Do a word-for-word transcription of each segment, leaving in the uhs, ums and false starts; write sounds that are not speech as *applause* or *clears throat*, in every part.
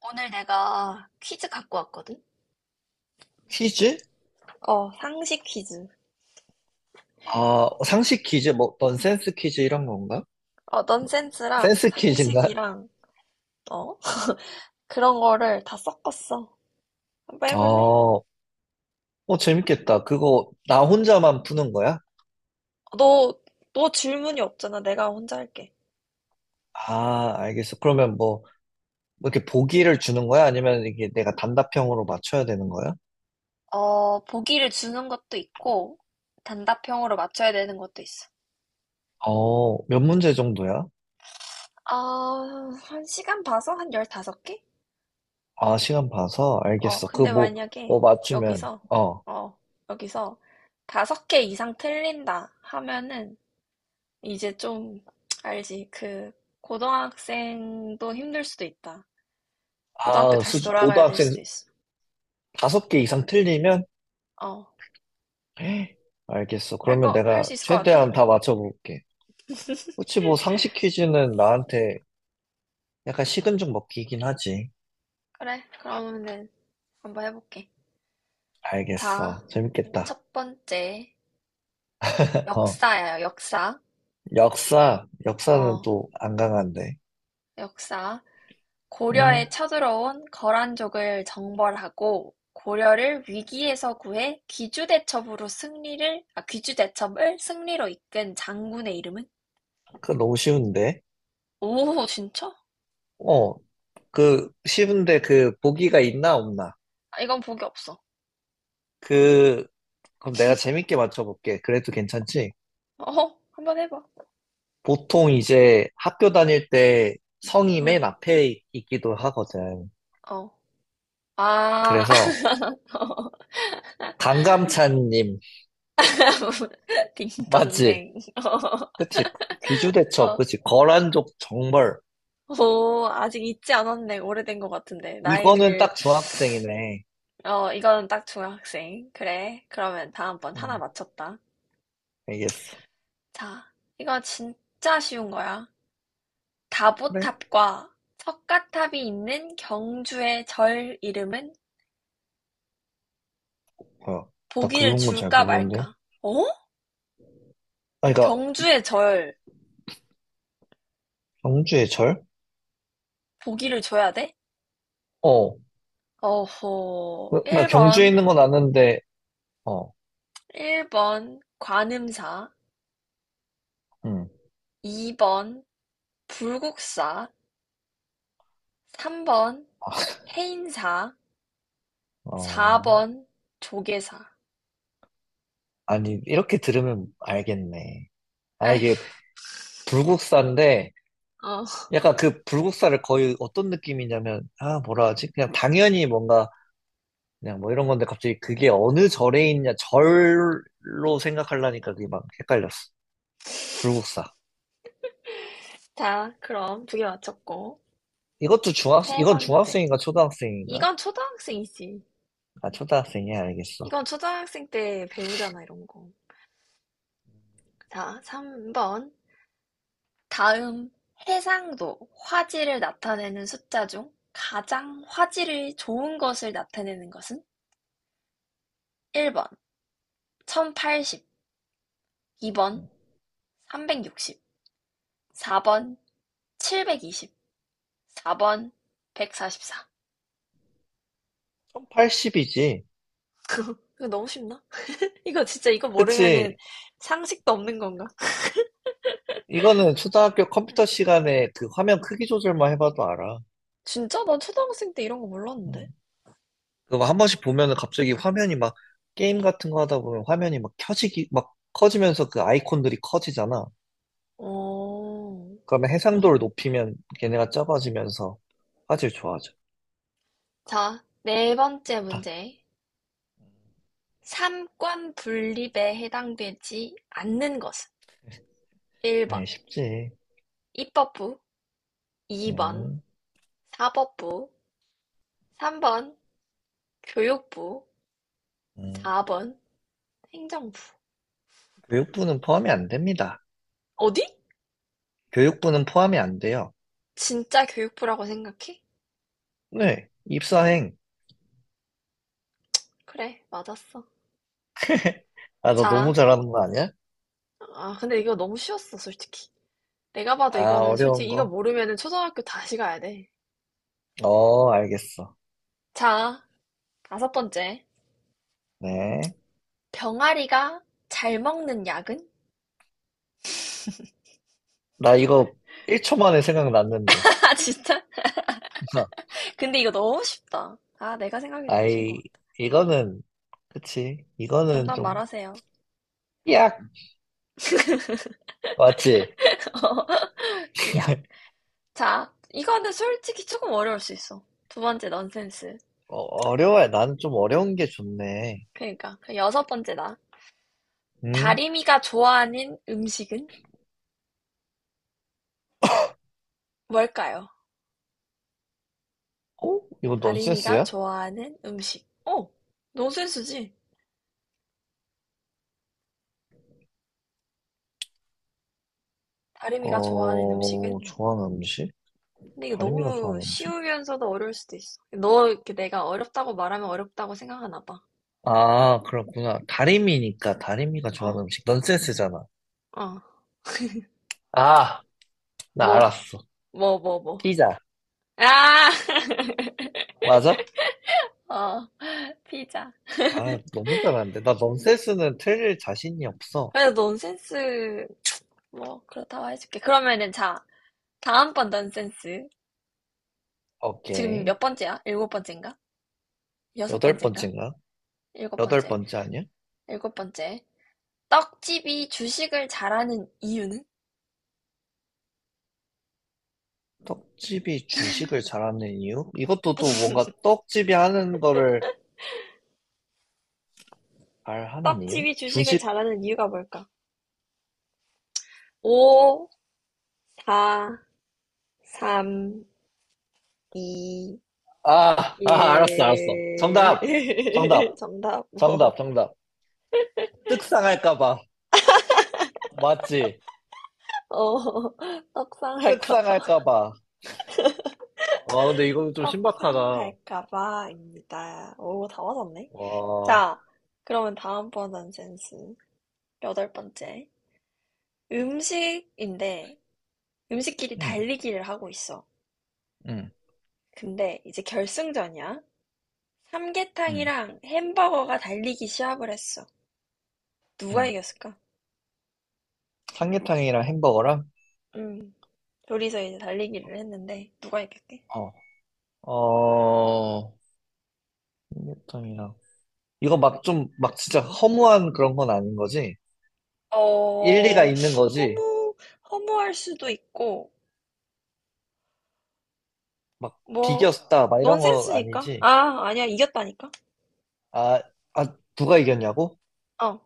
오늘 내가 퀴즈 갖고 왔거든? 퀴즈? 어, 상식 퀴즈. 아, 상식 퀴즈? 뭐, 넌센스 퀴즈 이런 건가? 어, 넌센스랑 센스 퀴즈인가? 상식이랑, 어? 그런 거를 다 섞었어. 한번 아, 해볼래? 어, 재밌겠다. 그거 나 혼자만 푸는 거야? 너, 너 질문이 없잖아. 내가 혼자 할게. 아, 알겠어. 그러면 뭐, 뭐 이렇게 보기를 주는 거야? 아니면 이게 내가 단답형으로 맞춰야 되는 거야? 어, 보기를 주는 것도 있고, 단답형으로 맞춰야 되는 것도 있어. 어, 몇 문제 정도야? 아, 한 시간 봐서 한 열다섯 개? 아, 시간 봐서? 어, 알겠어. 그 근데 뭐, 뭐 만약에 맞추면, 여기서, 어. 어, 여기서 다섯 개 이상 틀린다 하면은 이제 좀 알지. 그 고등학생도 힘들 수도 있다. 고등학교 아, 다시 수준, 돌아가야 될 고등학생 수도 있어. 다섯 개 이상 틀리면? 어, 에이, 알겠어. 할 그러면 거, 할 내가 수 있을 것 같아? 최대한 다 맞춰볼게. 혹시 뭐, 상식 퀴즈는 나한테 약간 식은 죽 먹기긴 하지. 그래, 그러면은 한번 해볼게. 자, 알겠어. 재밌겠다. 첫 번째 어. 역사야, 역사. 역사, 역사는 어, 또 안 강한데. 역사. 음, 고려에 쳐들어온 거란족을 정벌하고 고려를 위기에서 구해 귀주대첩으로 승리를, 아, 귀주대첩을 승리로 이끈 장군의 이름은? 그거 너무 쉬운데. 오, 진짜? 어, 그, 쉬운데 그, 보기가 있나 없나? 아, 이건 복이 없어. 그, 그럼 내가 재밌게 맞춰볼게. 그래도 괜찮지? 어, 한번 해봐. 보통 이제 학교 다닐 때 성이 맨 어, 앞에 있- 있기도 하거든. 어. 아, 그래서, 강감찬님, *laughs* *laughs* 맞지? 딩동댕. 그치? 어, 귀주대첩, 어. 그치? 거란족 정벌. 오, 아직 잊지 않았네. 오래된 것 같은데. 이거는 나이를, 딱 중학생이네. 어, 이건 딱 중학생. 그래. 그러면 다음번 하나 음, 맞췄다. 알겠어. 자, 이거 진짜 쉬운 거야. 그래? 다보탑과 석가탑이 있는 경주의 절 이름은 어, 나 보기를 그런 건 잘 줄까 모르는데. 말까? 어? 아, 그러니까 경주의 절, 경주의 절? 보기를 줘야 돼? 어, 어호, 나, 나 경주에 일 번 있는 건 아는데, 어, 일 번 관음사, 음, 이 번 불국사, 삼 번 해인사, 사 어, 번 조계사. 아니 이렇게 들으면 알겠네. 아, 아휴, 이게 불국사인데, 어, 약간 그 불국사를 거의 어떤 느낌이냐면, 아, 뭐라 하지? 그냥 당연히 뭔가 그냥 뭐 이런 건데 갑자기 그게 어느 절에 있냐 절로 생각하려니까 그게 막 헷갈렸어. 불국사. 자, 그럼 두 개 맞췄고. 이것도 중학, 세 이건 번째. 중학생인가 초등학생인가? 이건 초등학생이지. 아, 초등학생이야, 알겠어. 이건 초등학생 때 배우잖아, 이런 거. 자, 삼 번. 다음 해상도, 화질을 나타내는 숫자 중 가장 화질이 좋은 것을 나타내는 것은? 일 번, 천팔십, 이 번, 삼백육십. 사 번, 칠백이십. 사 번, 백사십사. 천팔십이지. *laughs* 이거 너무 쉽나? 이거 진짜 이거 모르면은 그치. 상식도 없는 건가? 이거는 초등학교 컴퓨터 시간에 그 화면 크기 조절만 해봐도 알아. 진짜? 난 초등학생 때 이런 거 몰랐는데. 음. 그거 한 번씩 보면은 갑자기 화면이 막 게임 같은 거 하다 보면 화면이 막 켜지기, 막 커지면서 그 아이콘들이 커지잖아. 어, 그러면 해상도를 그래? 높이면 걔네가 작아지면서 화질 좋아져. 자, 네 번째 딱, 문제. 삼권 분립에 해당되지 않는 것은 일 번 아, 쉽지. 입법부, 이 번 음, 사법부, 삼 번 교육부, 음. 사 번 행정부. 교육부는 포함이 안 됩니다. 어디? 교육부는 포함이 안 돼요. 진짜 교육부라고 생각해? 네, 입사행. 그래, 맞았어. *laughs* 아, 너 너무 자, 잘하는 거 아니야? 아, 근데 이거 너무 쉬웠어, 솔직히. 내가 봐도 아, 이거는 어려운 솔직히 이거 거. 모르면은 초등학교 다시 가야 돼. 어, 알겠어. 자, 다섯 번째. 네. 병아리가 잘 먹는 약은? 나 이거 일 초 만에 *laughs* 생각났는데. 아, 진짜? *laughs* 근데 이거 너무 쉽다. 아, 내가 생각이 되고 쉰 거. 아이, 이거는, 그치. 이거는 정답 좀, 말하세요. 약! 맞지? 삐약. *laughs* 자, 이거는 솔직히 조금 어려울 수 있어. 두 번째 넌센스. 어, 어려워야. 나는 좀 어려운 게 좋네. 그러니까. 그 여섯 번째다. 응? 다리미가 좋아하는 음식은 뭘까요? 어? 이거 다리미가 넌센스야? 좋아하는 음식. 어, 넌센스지? 다름이가 좋아하는 음식은? 어, 좋아하는 음식? 근데 이거 다리미가 너무 좋아하는 음식? 쉬우면서도 어려울 수도 있어. 너 이렇게 내가 어렵다고 말하면 어렵다고 생각하나 봐. 아, 그렇구나. 다리미니까 다리미가 어, 좋아하는 음식. 넌센스잖아. 어. 아, 나 뭐, 알았어. 뭐, 뭐, 뭐. 피자. 아! *laughs* 맞아? 어, 피자. 아, 너무 잘하는데. 나 넌센스는 틀릴 자신이 없어. 그래도 넌센스, 뭐, 그렇다고 해줄게. 그러면은 자, 다음번 넌센스. 지금 오케이. 몇 번째야? 일곱 번째인가? 여섯 여덟 번째인가? 번째인가? 일곱 여덟 번째. 번째 아니야? 일곱 번째. 떡집이 주식을 잘하는 이유는? 떡집이 주식을 잘하는 이유? 이것도 또 뭔가 떡집이 하는 거를 잘 하는 이유? 떡집이 주식을 주식? 잘하는 이유가 뭘까? 오, 다 삼, 이, 아, 아, 알았어, 알았어. 일. 정답! *laughs* 정답! 정답 정답, 뭐? 정답. 떡상할까봐. 맞지? 어, *laughs* 떡상할까봐. 떡상할까봐. 와, 근데 이거는 좀 신박하다. 떡상할까봐입니다. 오, 다 맞았네. 와. 자, 그러면 다음번 넌센스. 여덟 번째. 음식인데, 음식끼리 응, 달리기를 하고 있어. 응, 근데 이제 결승전이야. 응, 삼계탕이랑 햄버거가 달리기 시합을 했어. 누가 응. 이겼을까? 삼계탕이랑 햄버거랑? 음, 둘이서 이제 달리기를 했는데, 누가 이겼게? 어. 어, 삼계탕이랑. 이거 막 좀, 막 진짜 허무한 그런 건 아닌 거지? 일리가 어, 있는 거지? 허무, 허무할 수도 있고, 막 뭐, 비겼다, 막 이런 건 넌센스니까? 아니지? 아, 아니야, 이겼다니까? 아, 아, 누가 이겼냐고? 어.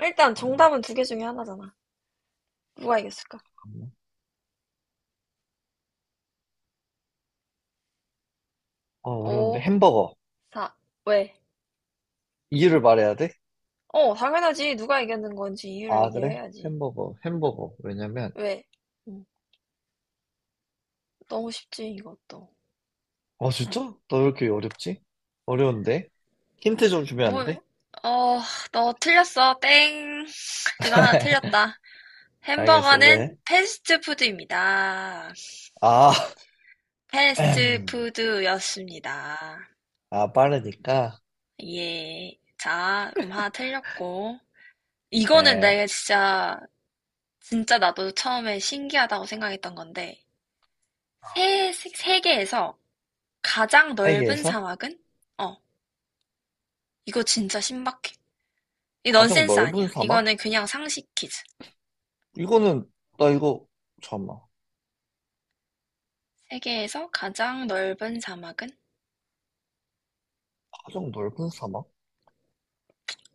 일단 음, 정답은 두 개 중에 하나잖아. 누가 이겼을까? 잠깐만. 어, 어려운데. 오, 햄버거. 사, 왜? 이유를 말해야 돼? 어, 당연하지. 누가 이겼는 건지 이유를 아, 얘기를 그래? 해야지. 햄버거, 햄버거. 왜냐면, 왜? 음, 너무 쉽지, 이것도. 어, 진짜? 너 왜 이렇게 어렵지? 어려운데? 힌트 좀 주면 안 돼? 뭐, 어, 너 틀렸어. 땡. 이거 하나 *laughs* 틀렸다. 알겠어, 햄버거는 왜? 패스트푸드입니다. 아, *clears throat* 패스트푸드였습니다. 아, 빠르니까. 예. 자, 그럼 하나 틀렸고. 이거는 에, 내가 진짜, 진짜 나도 처음에 신기하다고 생각했던 건데, 세, 세- 세계에서 가장 넓은 세개에서 사막은? 어, 이거 진짜 신박해. 이 가장 넌센스 넓은 아니야. 사막? 이거는 그냥 상식 퀴즈. 이거는 나 이거 잠깐만. 세계에서 가장 넓은 사막은? 가장 넓은 사막?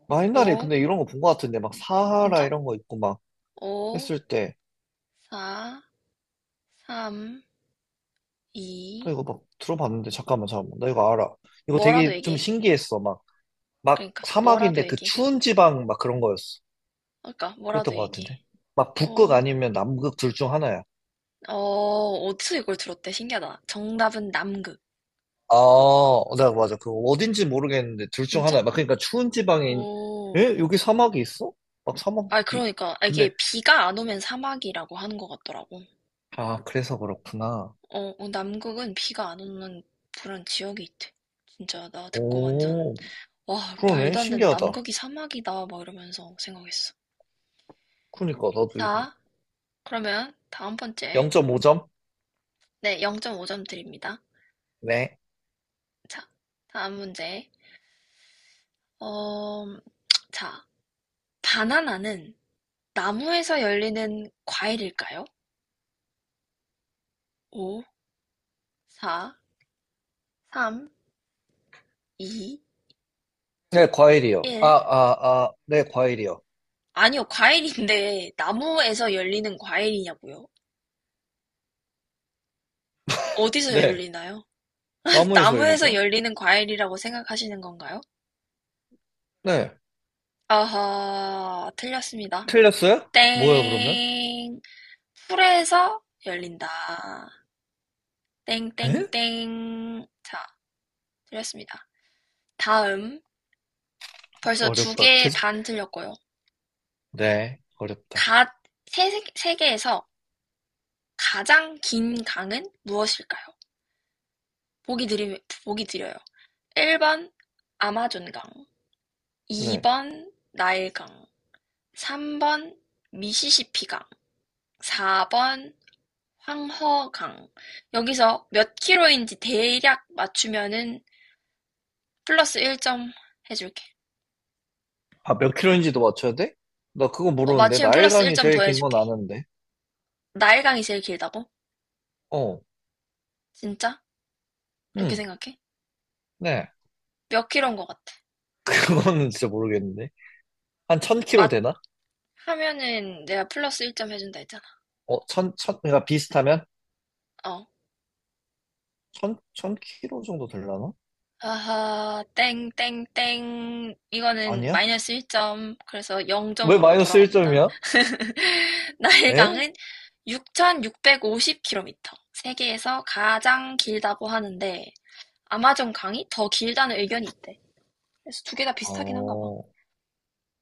나 옛날에 오, 근데 이런 거 본 거 같은데 막 사하라 진짜? 이런 거 있고 막 오, 했을 때 사, 삼, 나 이. 이거 막 들어봤는데 잠깐만 잠깐만 나 이거 알아. 이거 뭐라도 되게 좀 얘기해. 신기했어. 막 막 그러니까, 뭐라도 사막인데 그 얘기해. 추운 지방 막 그런 거였어. 그러니까, 뭐라도 그랬던 거 얘기해. 같은데 막 북극 오 아니면 남극 둘 중 하나야. 어, 어디서 이걸 들었대? 신기하다. 정답은 남극. 아, 나 맞아. 그 어딘지 모르겠는데 둘 중 진짜? 하나야. 막 그러니까 추운 지방에 있- 오. 에? 여기 사막이 있어? 막 아, 사막이 그러니까 이게 근데, 비가 안 오면 사막이라고 하는 것 같더라고. 아, 그래서 그렇구나. 어, 어, 남극은 비가 안 오는 그런 지역이 있대. 진짜 나 듣고 완전 오, 와, 그러네. 말도 안 되는 신기하다. 남극이 사막이다 막 이러면서 생각했어. 그러니까, 나도 이거. 자, 그러면 다음 번째. 영 점 오 점? 네, 영 점 오 점 드립니다. 네. 자, 다음 문제. 어, 자, 바나나는 나무에서 열리는 과일일까요? 오 사, 삼, 이, 네, 과일이요. 아, 일. 아, 아, 네, 과일이요. 아니요, 과일인데 나무에서 열리는 과일이냐고요? 어디서 네. 열리나요? *laughs* 나무에서 나무에서 열리죠? 열리는 과일이라고 생각하시는 건가요? 네. 아하, 틀렸습니다. 틀렸어요? 뭐예요, 그러면? 땡. 풀에서 열린다. 에? 땡땡땡. 자, 틀렸습니다. 다음. 벌써 두 어렵다. 개 계속. 반 틀렸고요. 네, 어렵다. 가, 세, 세- 세 개에서 가장 긴 강은 무엇일까요? 보기 드리, 보기 드려요. 일 번 아마존강, 이 네. 번 나일강, 삼 번 미시시피강, 사 번 황허강. 여기서 몇 킬로인지 대략 맞추면은 플러스 일 점 해줄게. 아, 몇 킬로인지도 맞춰야 돼? 나 그거 어, 모르는데. 맞추면 나일 플러스 강일 이 점 제일 더 긴 건 해줄게. 아는데. 나일강이 제일 길다고? 어, 진짜? 그렇게 응, 생각해? 네. *laughs* 몇 킬로인 것 같아? 그거는 진짜 모르겠는데. 한 천 킬로 맞 되나? 하면은 내가 플러스 일 점 해준다 했잖아. 어, 천, 천, 그러니까 비슷하면? 어. 천, 천 킬로 정도 되려나? 아하, 땡, 땡, 땡. 이거는 아니야? 마이너스 일 점. 그래서 왜 영 점으로 마이너스 돌아갑니다. 일 점이야? *laughs* 에? 나일강은 육천육백오십 킬로미터. 세계에서 가장 길다고 하는데, 아마존 강이 더 길다는 의견이 있대. 그래서 두개 다 비슷하긴 한가 봐. 어,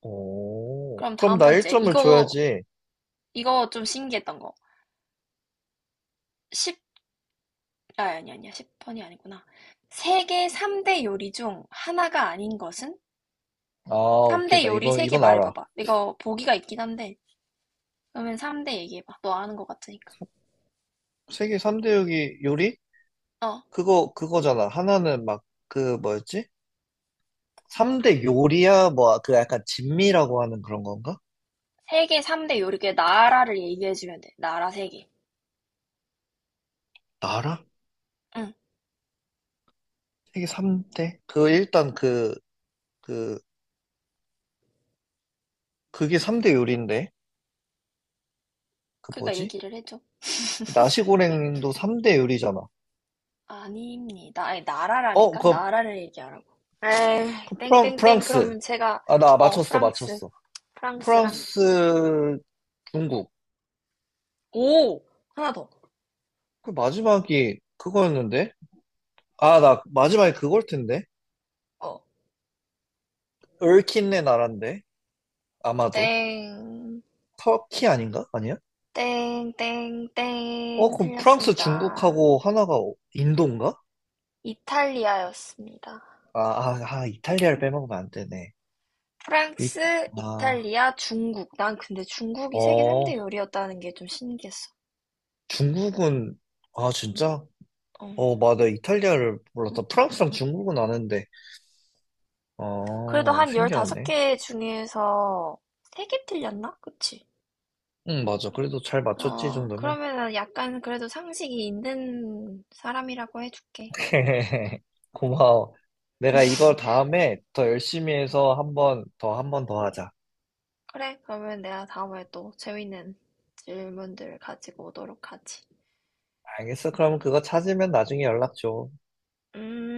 오, 그럼 그럼 다음 나 번째. 일 점을 이거, 줘야지. 이거 좀 신기했던 거. 십, 아, 아니, 아니야. 십 번이 아니구나. 세계 삼 대 요리 중 하나가 아닌 것은? 아, 오케이. 삼 대 나 요리 이건, 세 개 이건 알아. 말해봐봐. 이거 보기가 있긴 한데, 그러면 삼 대 얘기해봐. 너 아는 것 같으니까. 세계 삼 대 요리? 요리? 어. 그거, 그거잖아. 하나는 막, 그, 뭐였지? 삼 대 요리야? 뭐, 그 약간 진미라고 하는 그런 건가? 세계 삼 대 요리계 나라를 얘기해주면 돼. 나라 세개 나 알아? 응. 세계 삼 대? 그, 일단 그, 그, 그게 삼 대 요리인데? 그 그러니까 뭐지? 얘기를 해줘. 나시고랭도 삼 대 요리잖아. 아닙니다. 아니, 어, 나라라니까? 그, 나라를 얘기하라고. 에이, 프랑, 땡땡땡. 프랑스. 그러면 제가, 아, 나 어, 맞췄어, 프랑스. 맞췄어. 프랑스랑. 프랑스, 중국. 오! 하나 더. 그 마지막이 그거였는데? 아, 나 마지막에 그걸 텐데? 어. 얼킨네 나라인데 아마도. 땡. 터키 아닌가? 아니야? 땡 어, 땡땡. 그럼 프랑스, 틀렸습니다. 중국하고 하나가 어, 인도인가? 이탈리아였습니다. 아, 아, 아, 이탈리아를 빼먹으면 안 되네. 이, 프랑스, 아, 이탈리아, 중국. 난 근데 중국이 세계 삼 대 어, 요리였다는 게 좀 신기했어. 중국은, 아, 진짜? 어. 어, 맞아. 이탈리아를 몰랐다. 프랑스랑 중국은 아는데. 그래도 어, 한 신기하네. 열다섯 개 중에서 세 개 틀렸나? 그치? 응, 맞아. 그래도 잘 맞췄지, 이 어, 정도면. 그러면은 약간 그래도 상식이 있는 사람이라고 해줄게. *laughs* 고마워. 내가 이걸 다음에 더 열심히 해서 한번 더, 한 번 더 하자. 그래, 그러면 내가 다음에 또 재밌는 질문들 가지고 오도록 하지. 알겠어? 그럼 그거 찾으면 나중에 연락 줘. 음.